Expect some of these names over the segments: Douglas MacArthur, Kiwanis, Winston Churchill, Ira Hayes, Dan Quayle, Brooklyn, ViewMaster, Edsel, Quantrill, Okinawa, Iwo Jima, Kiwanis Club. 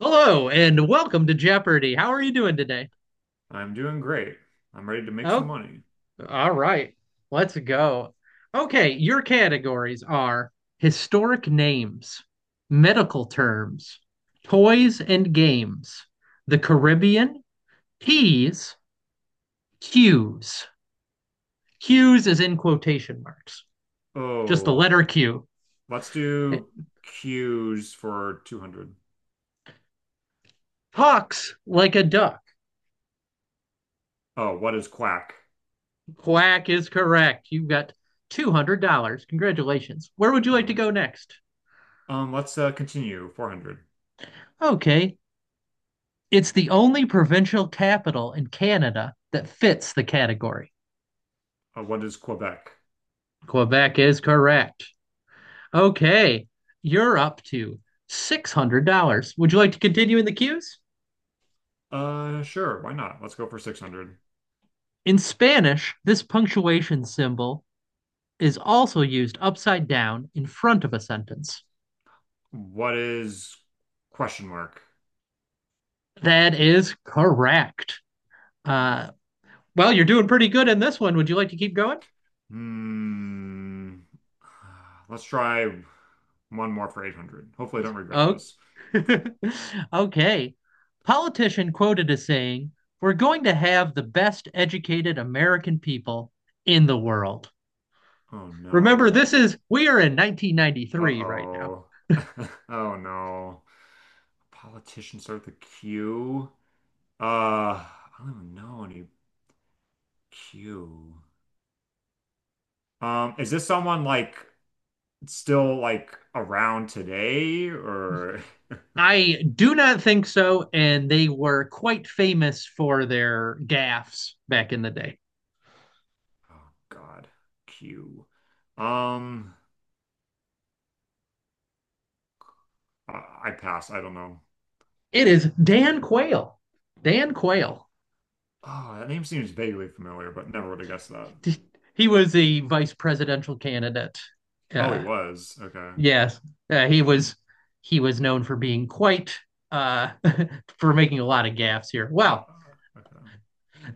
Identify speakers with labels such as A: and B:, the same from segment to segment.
A: Hello and welcome to Jeopardy. How are you doing today?
B: I'm doing great. I'm ready to make some
A: Oh,
B: money.
A: all right. Let's go. Okay, your categories are historic names, medical terms, toys and games, the Caribbean, P's, Q's. Q's is in quotation marks, just the
B: Oh,
A: letter Q.
B: let's
A: It
B: do Q's for 200.
A: talks like a duck.
B: Oh, what is quack?
A: Quack is correct. You've got $200. Congratulations. Where would you
B: All
A: like to
B: right.
A: go next?
B: Let's continue 400.
A: Okay. It's the only provincial capital in Canada that fits the category.
B: What is Quebec?
A: Quebec is correct. Okay, you're up to $600. Would you like to continue in the cues?
B: Sure, why not? Let's go for 600.
A: In Spanish, this punctuation symbol is also used upside down in front of a sentence.
B: What is question mark?
A: That is correct. Uh, well, you're doing pretty good in this one. Would you like to keep going?
B: Hmm. Let's try one more for 800. Hopefully, I don't regret
A: Okay.
B: this.
A: Okay. Politician quoted as saying, we're going to have the best educated American people in the world.
B: Oh
A: Remember,
B: no.
A: we are in 1993 right now.
B: Uh-oh. Oh no. Politicians start with a Q. I don't even know any Q. Is this someone like still like around today or
A: I do not think so. And they were quite famous for their gaffes back in the day.
B: oh God, Q. Um, I pass. I don't know.
A: It is Dan Quayle. Dan Quayle.
B: Oh, that name seems vaguely familiar, but never would have guessed that.
A: He was the vice presidential candidate.
B: Oh, he
A: Uh,
B: was. Okay.
A: yes, he was. He was known for being quite uh, for making a lot of gaffes here.
B: Uh,
A: Well,
B: uh, okay.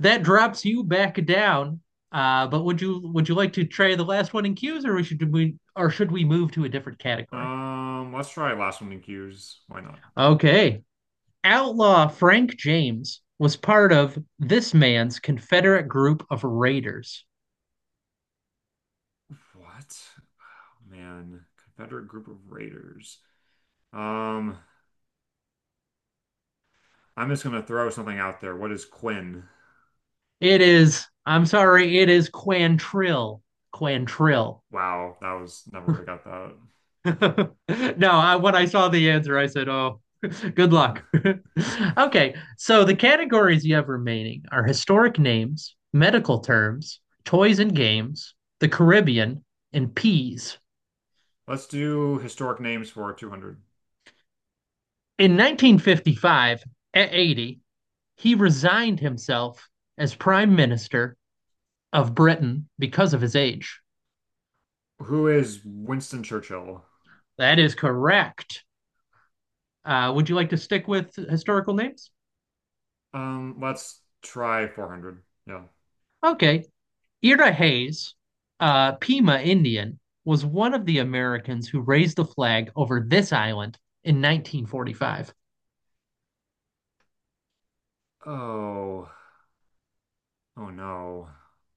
A: that drops you back down. But would you like to try the last one in cues, or should we move to a different category?
B: Let's try last one in Q's. Why not?
A: Okay, outlaw Frank James was part of this man's Confederate group of raiders.
B: What? Oh, man. Confederate group of raiders. Um, I'm just gonna throw something out there. What is Quinn?
A: It is, I'm sorry, it is Quantrill. Quantrill.
B: Wow, that was never would have got
A: No, I, when I saw the answer, I said, oh, good
B: that.
A: luck. Okay, so the categories you have remaining are historic names, medical terms, toys and games, the Caribbean, and peas.
B: Let's do historic names for 200.
A: In 1955, at 80, he resigned himself as Prime Minister of Britain because of his age.
B: Who is Winston Churchill?
A: That is correct. Would you like to stick with historical names?
B: Let's try 400. Yeah.
A: Okay. Ira Hayes, Pima Indian, was one of the Americans who raised the flag over this island in 1945.
B: Oh, oh no.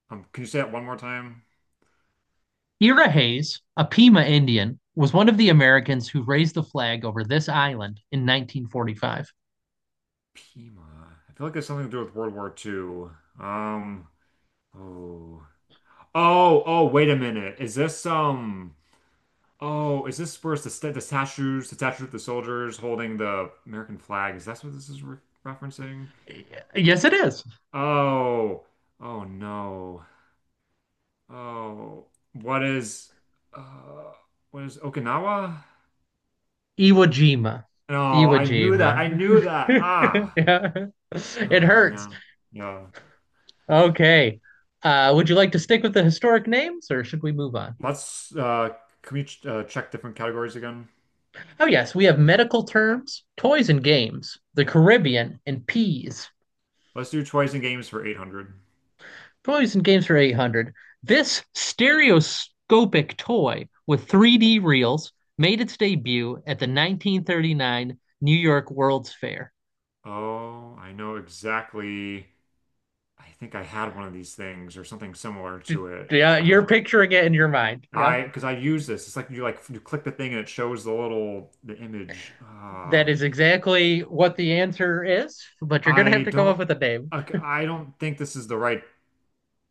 B: Can you say that one more time?
A: Ira Hayes, a Pima Indian, was one of the Americans who raised the flag over this island in 1945.
B: Pima. I feel like it's something to do with World War II. Um, oh. Oh, oh, wait a minute. Is this um Oh, is this where's the sta the statues, the statue of the soldiers holding the American flag? Is that what this is re referencing?
A: Yes, it is.
B: Oh, oh no. Oh, what is uh what is Okinawa?
A: Iwo Jima.
B: No,
A: Iwo
B: I knew
A: Jima.
B: that. I knew that. Ah.
A: Yeah. It
B: Ah,
A: hurts.
B: man. Yeah.
A: Okay. Would you like to stick with the historic names or should we move on?
B: Let's can we ch Check different categories again?
A: Oh, yes, we have medical terms, toys and games, the Caribbean, and peas.
B: Let's do toys and games for 800.
A: Toys and games for 800. This stereoscopic toy with 3D reels made its debut at the 1939 New York World's Fair.
B: Oh, I know exactly. I think I had one of these things or something similar to it.
A: Yeah,
B: I don't
A: you're
B: know.
A: picturing it in your mind. Yeah,
B: I Because I use this. It's like you click the thing and it shows the image.
A: that is exactly what the answer is, but you're gonna have
B: I
A: to come up
B: don't.
A: with a name.
B: OK, I don't think this is the right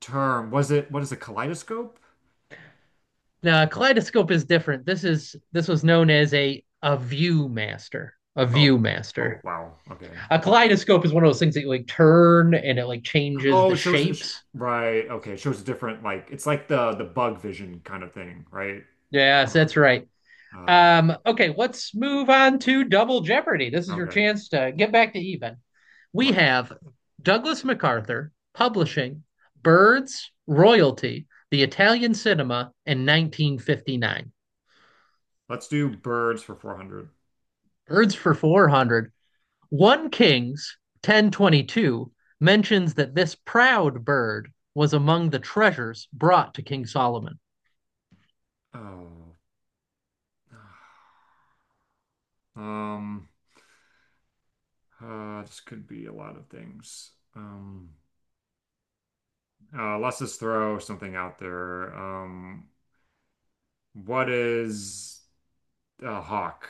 B: term. Was it? What is a kaleidoscope?
A: Now, a kaleidoscope is different. This was known as a ViewMaster, a
B: Oh.
A: ViewMaster.
B: Oh wow. Okay.
A: A kaleidoscope is one of those things that you like turn and it like changes
B: Oh,
A: the
B: it shows it sh
A: shapes.
B: right. Okay, it shows different like it's like the bug vision kind of thing, right?
A: Yes,
B: Or
A: that's right.
B: uh
A: Okay, let's move on to Double Jeopardy. This is your
B: okay.
A: chance to get back to even. We
B: Right.
A: have Douglas MacArthur, publishing, birds, royalty, the Italian cinema, and 1959.
B: Let's do birds for 400.
A: Birds for 400. One Kings 1022 mentions that this proud bird was among the treasures brought to King Solomon.
B: Oh. Um. This could be a lot of things. Let's just throw something out there. What is a hawk?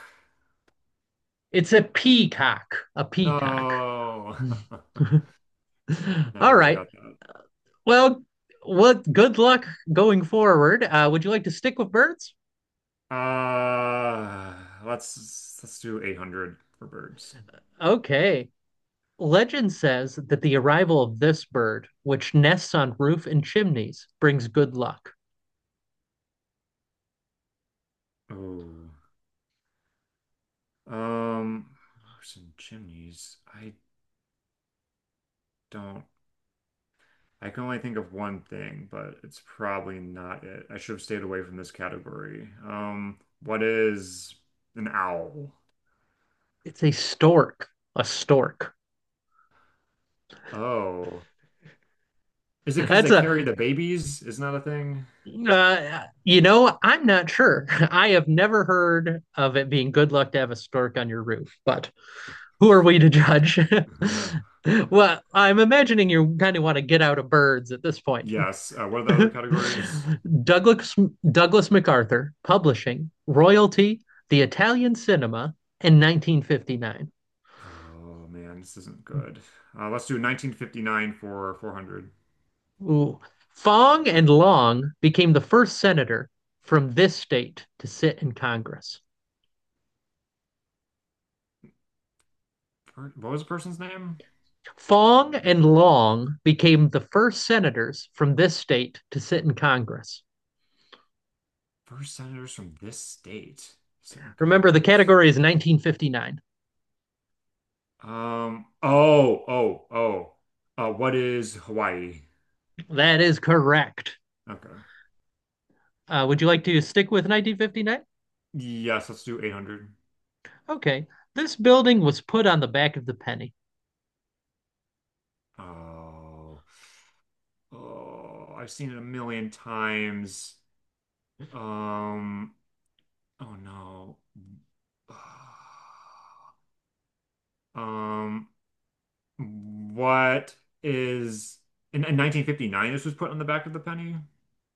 A: It's a peacock, a peacock.
B: No,
A: All
B: never would have
A: right.
B: got that.
A: Well, what good luck going forward. Would you like to stick with birds?
B: Uh, let's do 800 for birds.
A: Okay. Legend says that the arrival of this bird, which nests on roof and chimneys, brings good luck.
B: Oh, um, roofs and chimneys. I don't. I can only think of one thing, but it's probably not it. I should have stayed away from this category. What is an owl?
A: It's a stork. A stork.
B: Oh, is it because
A: That's
B: they carry
A: a,
B: the babies? Isn't that a thing?
A: you know, I'm not sure. I have never heard of it being good luck to have a stork on your roof, but who are we to judge? Well, I'm imagining you kind of want to get out of birds at this point.
B: Yes. What are the other categories?
A: Douglas Douglas MacArthur, publishing, royalty, the Italian cinema in 1959.
B: Oh man, this isn't good. Let's do 1959 for 400.
A: Ooh. Fong and Long became the first senator from this state to sit in Congress.
B: What was the person's name?
A: Fong and Long became the first senators from this state to sit in Congress.
B: First senators from this state sent in
A: Remember, the
B: Congress.
A: category is 1959.
B: Oh. Oh. Oh. What is Hawaii?
A: That is correct.
B: Okay.
A: Would you like to stick with 1959?
B: Yes, let's do 800.
A: Okay. This building was put on the back of the penny.
B: Oh, oh, I've seen it a million times. Um, oh no. Um, what is in 1959 this was put on the back of the penny?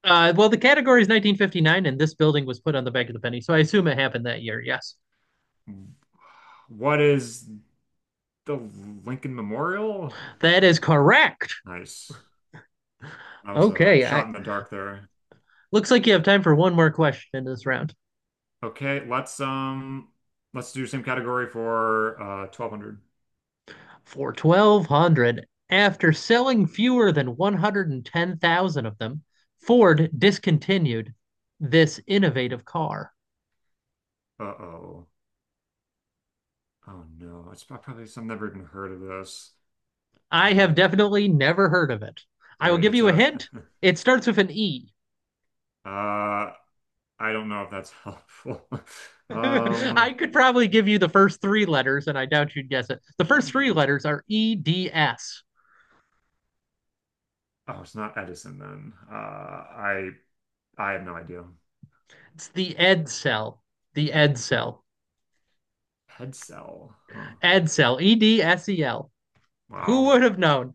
A: Well, the category is 1959, and this building was put on the back of the penny, so I assume it happened that year. Yes,
B: What is the Lincoln Memorial?
A: that is correct.
B: Nice. I was a
A: Okay,
B: shot
A: I,
B: in the dark there.
A: looks like you have time for one more question in this round.
B: Okay, let's do the same category for 1200.
A: For 1,200, after selling fewer than 110,000 of them, Ford discontinued this innovative car.
B: Uh-oh. Oh no, it's probably some never even heard of this.
A: I have
B: Um,
A: definitely never heard of it. I will
B: Great.
A: give
B: It's
A: you a
B: a
A: hint. It starts with an E.
B: uh I don't know if that's helpful. Um
A: I could probably give you the first three letters, and I doubt you'd guess it. The first three letters are EDS.
B: oh, it's not Edison then. I have no idea.
A: It's the Ed cell. The Ed cell.
B: Head cell. Huh.
A: Ed cell. Edsel. Who
B: Wow.
A: would have known?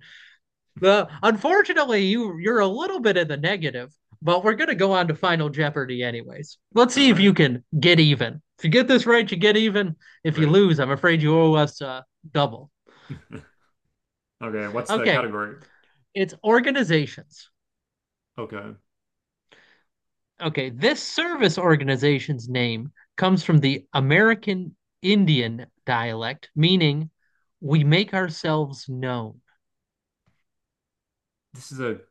A: The Unfortunately, you're a little bit in the negative, but we're gonna go on to Final Jeopardy anyways. Let's
B: All
A: see if
B: right.
A: you can get even. If you get this right, you get even. If you
B: Great.
A: lose, I'm afraid you owe us double.
B: Okay, what's the
A: Okay,
B: category?
A: it's organizations.
B: Okay.
A: Okay, this service organization's name comes from the American Indian dialect, meaning we make ourselves known.
B: This is a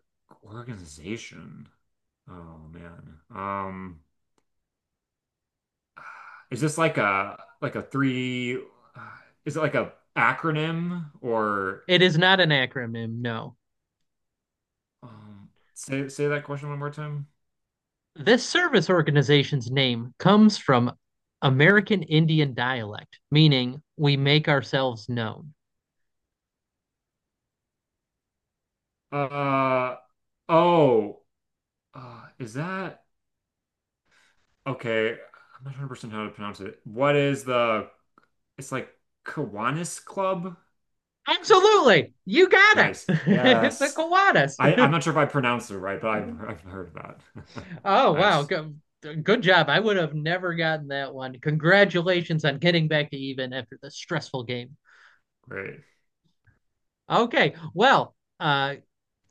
B: organization. Oh man. Is this like a three? Uh, is it like a acronym or
A: It is not an acronym, no.
B: say that question one more time?
A: This service organization's name comes from American Indian dialect, meaning we make ourselves known.
B: Uh oh. Is that okay? I'm not 100% how to pronounce it. What is the? It's like Kiwanis Club. K- k- k-
A: Absolutely. You got it.
B: Nice.
A: It's a
B: Yes. I'm
A: Kiwanis.
B: not sure if I pronounced it right, but I've I've heard of that.
A: Oh wow,
B: Nice.
A: good, good job. I would have never gotten that one. Congratulations on getting back to even after the stressful game.
B: Great.
A: Okay, well, uh,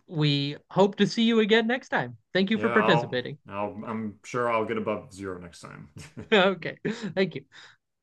A: we hope to see you again next time. Thank you for
B: Yeah.
A: participating.
B: I'm sure I'll get above zero next time.
A: Okay, thank you.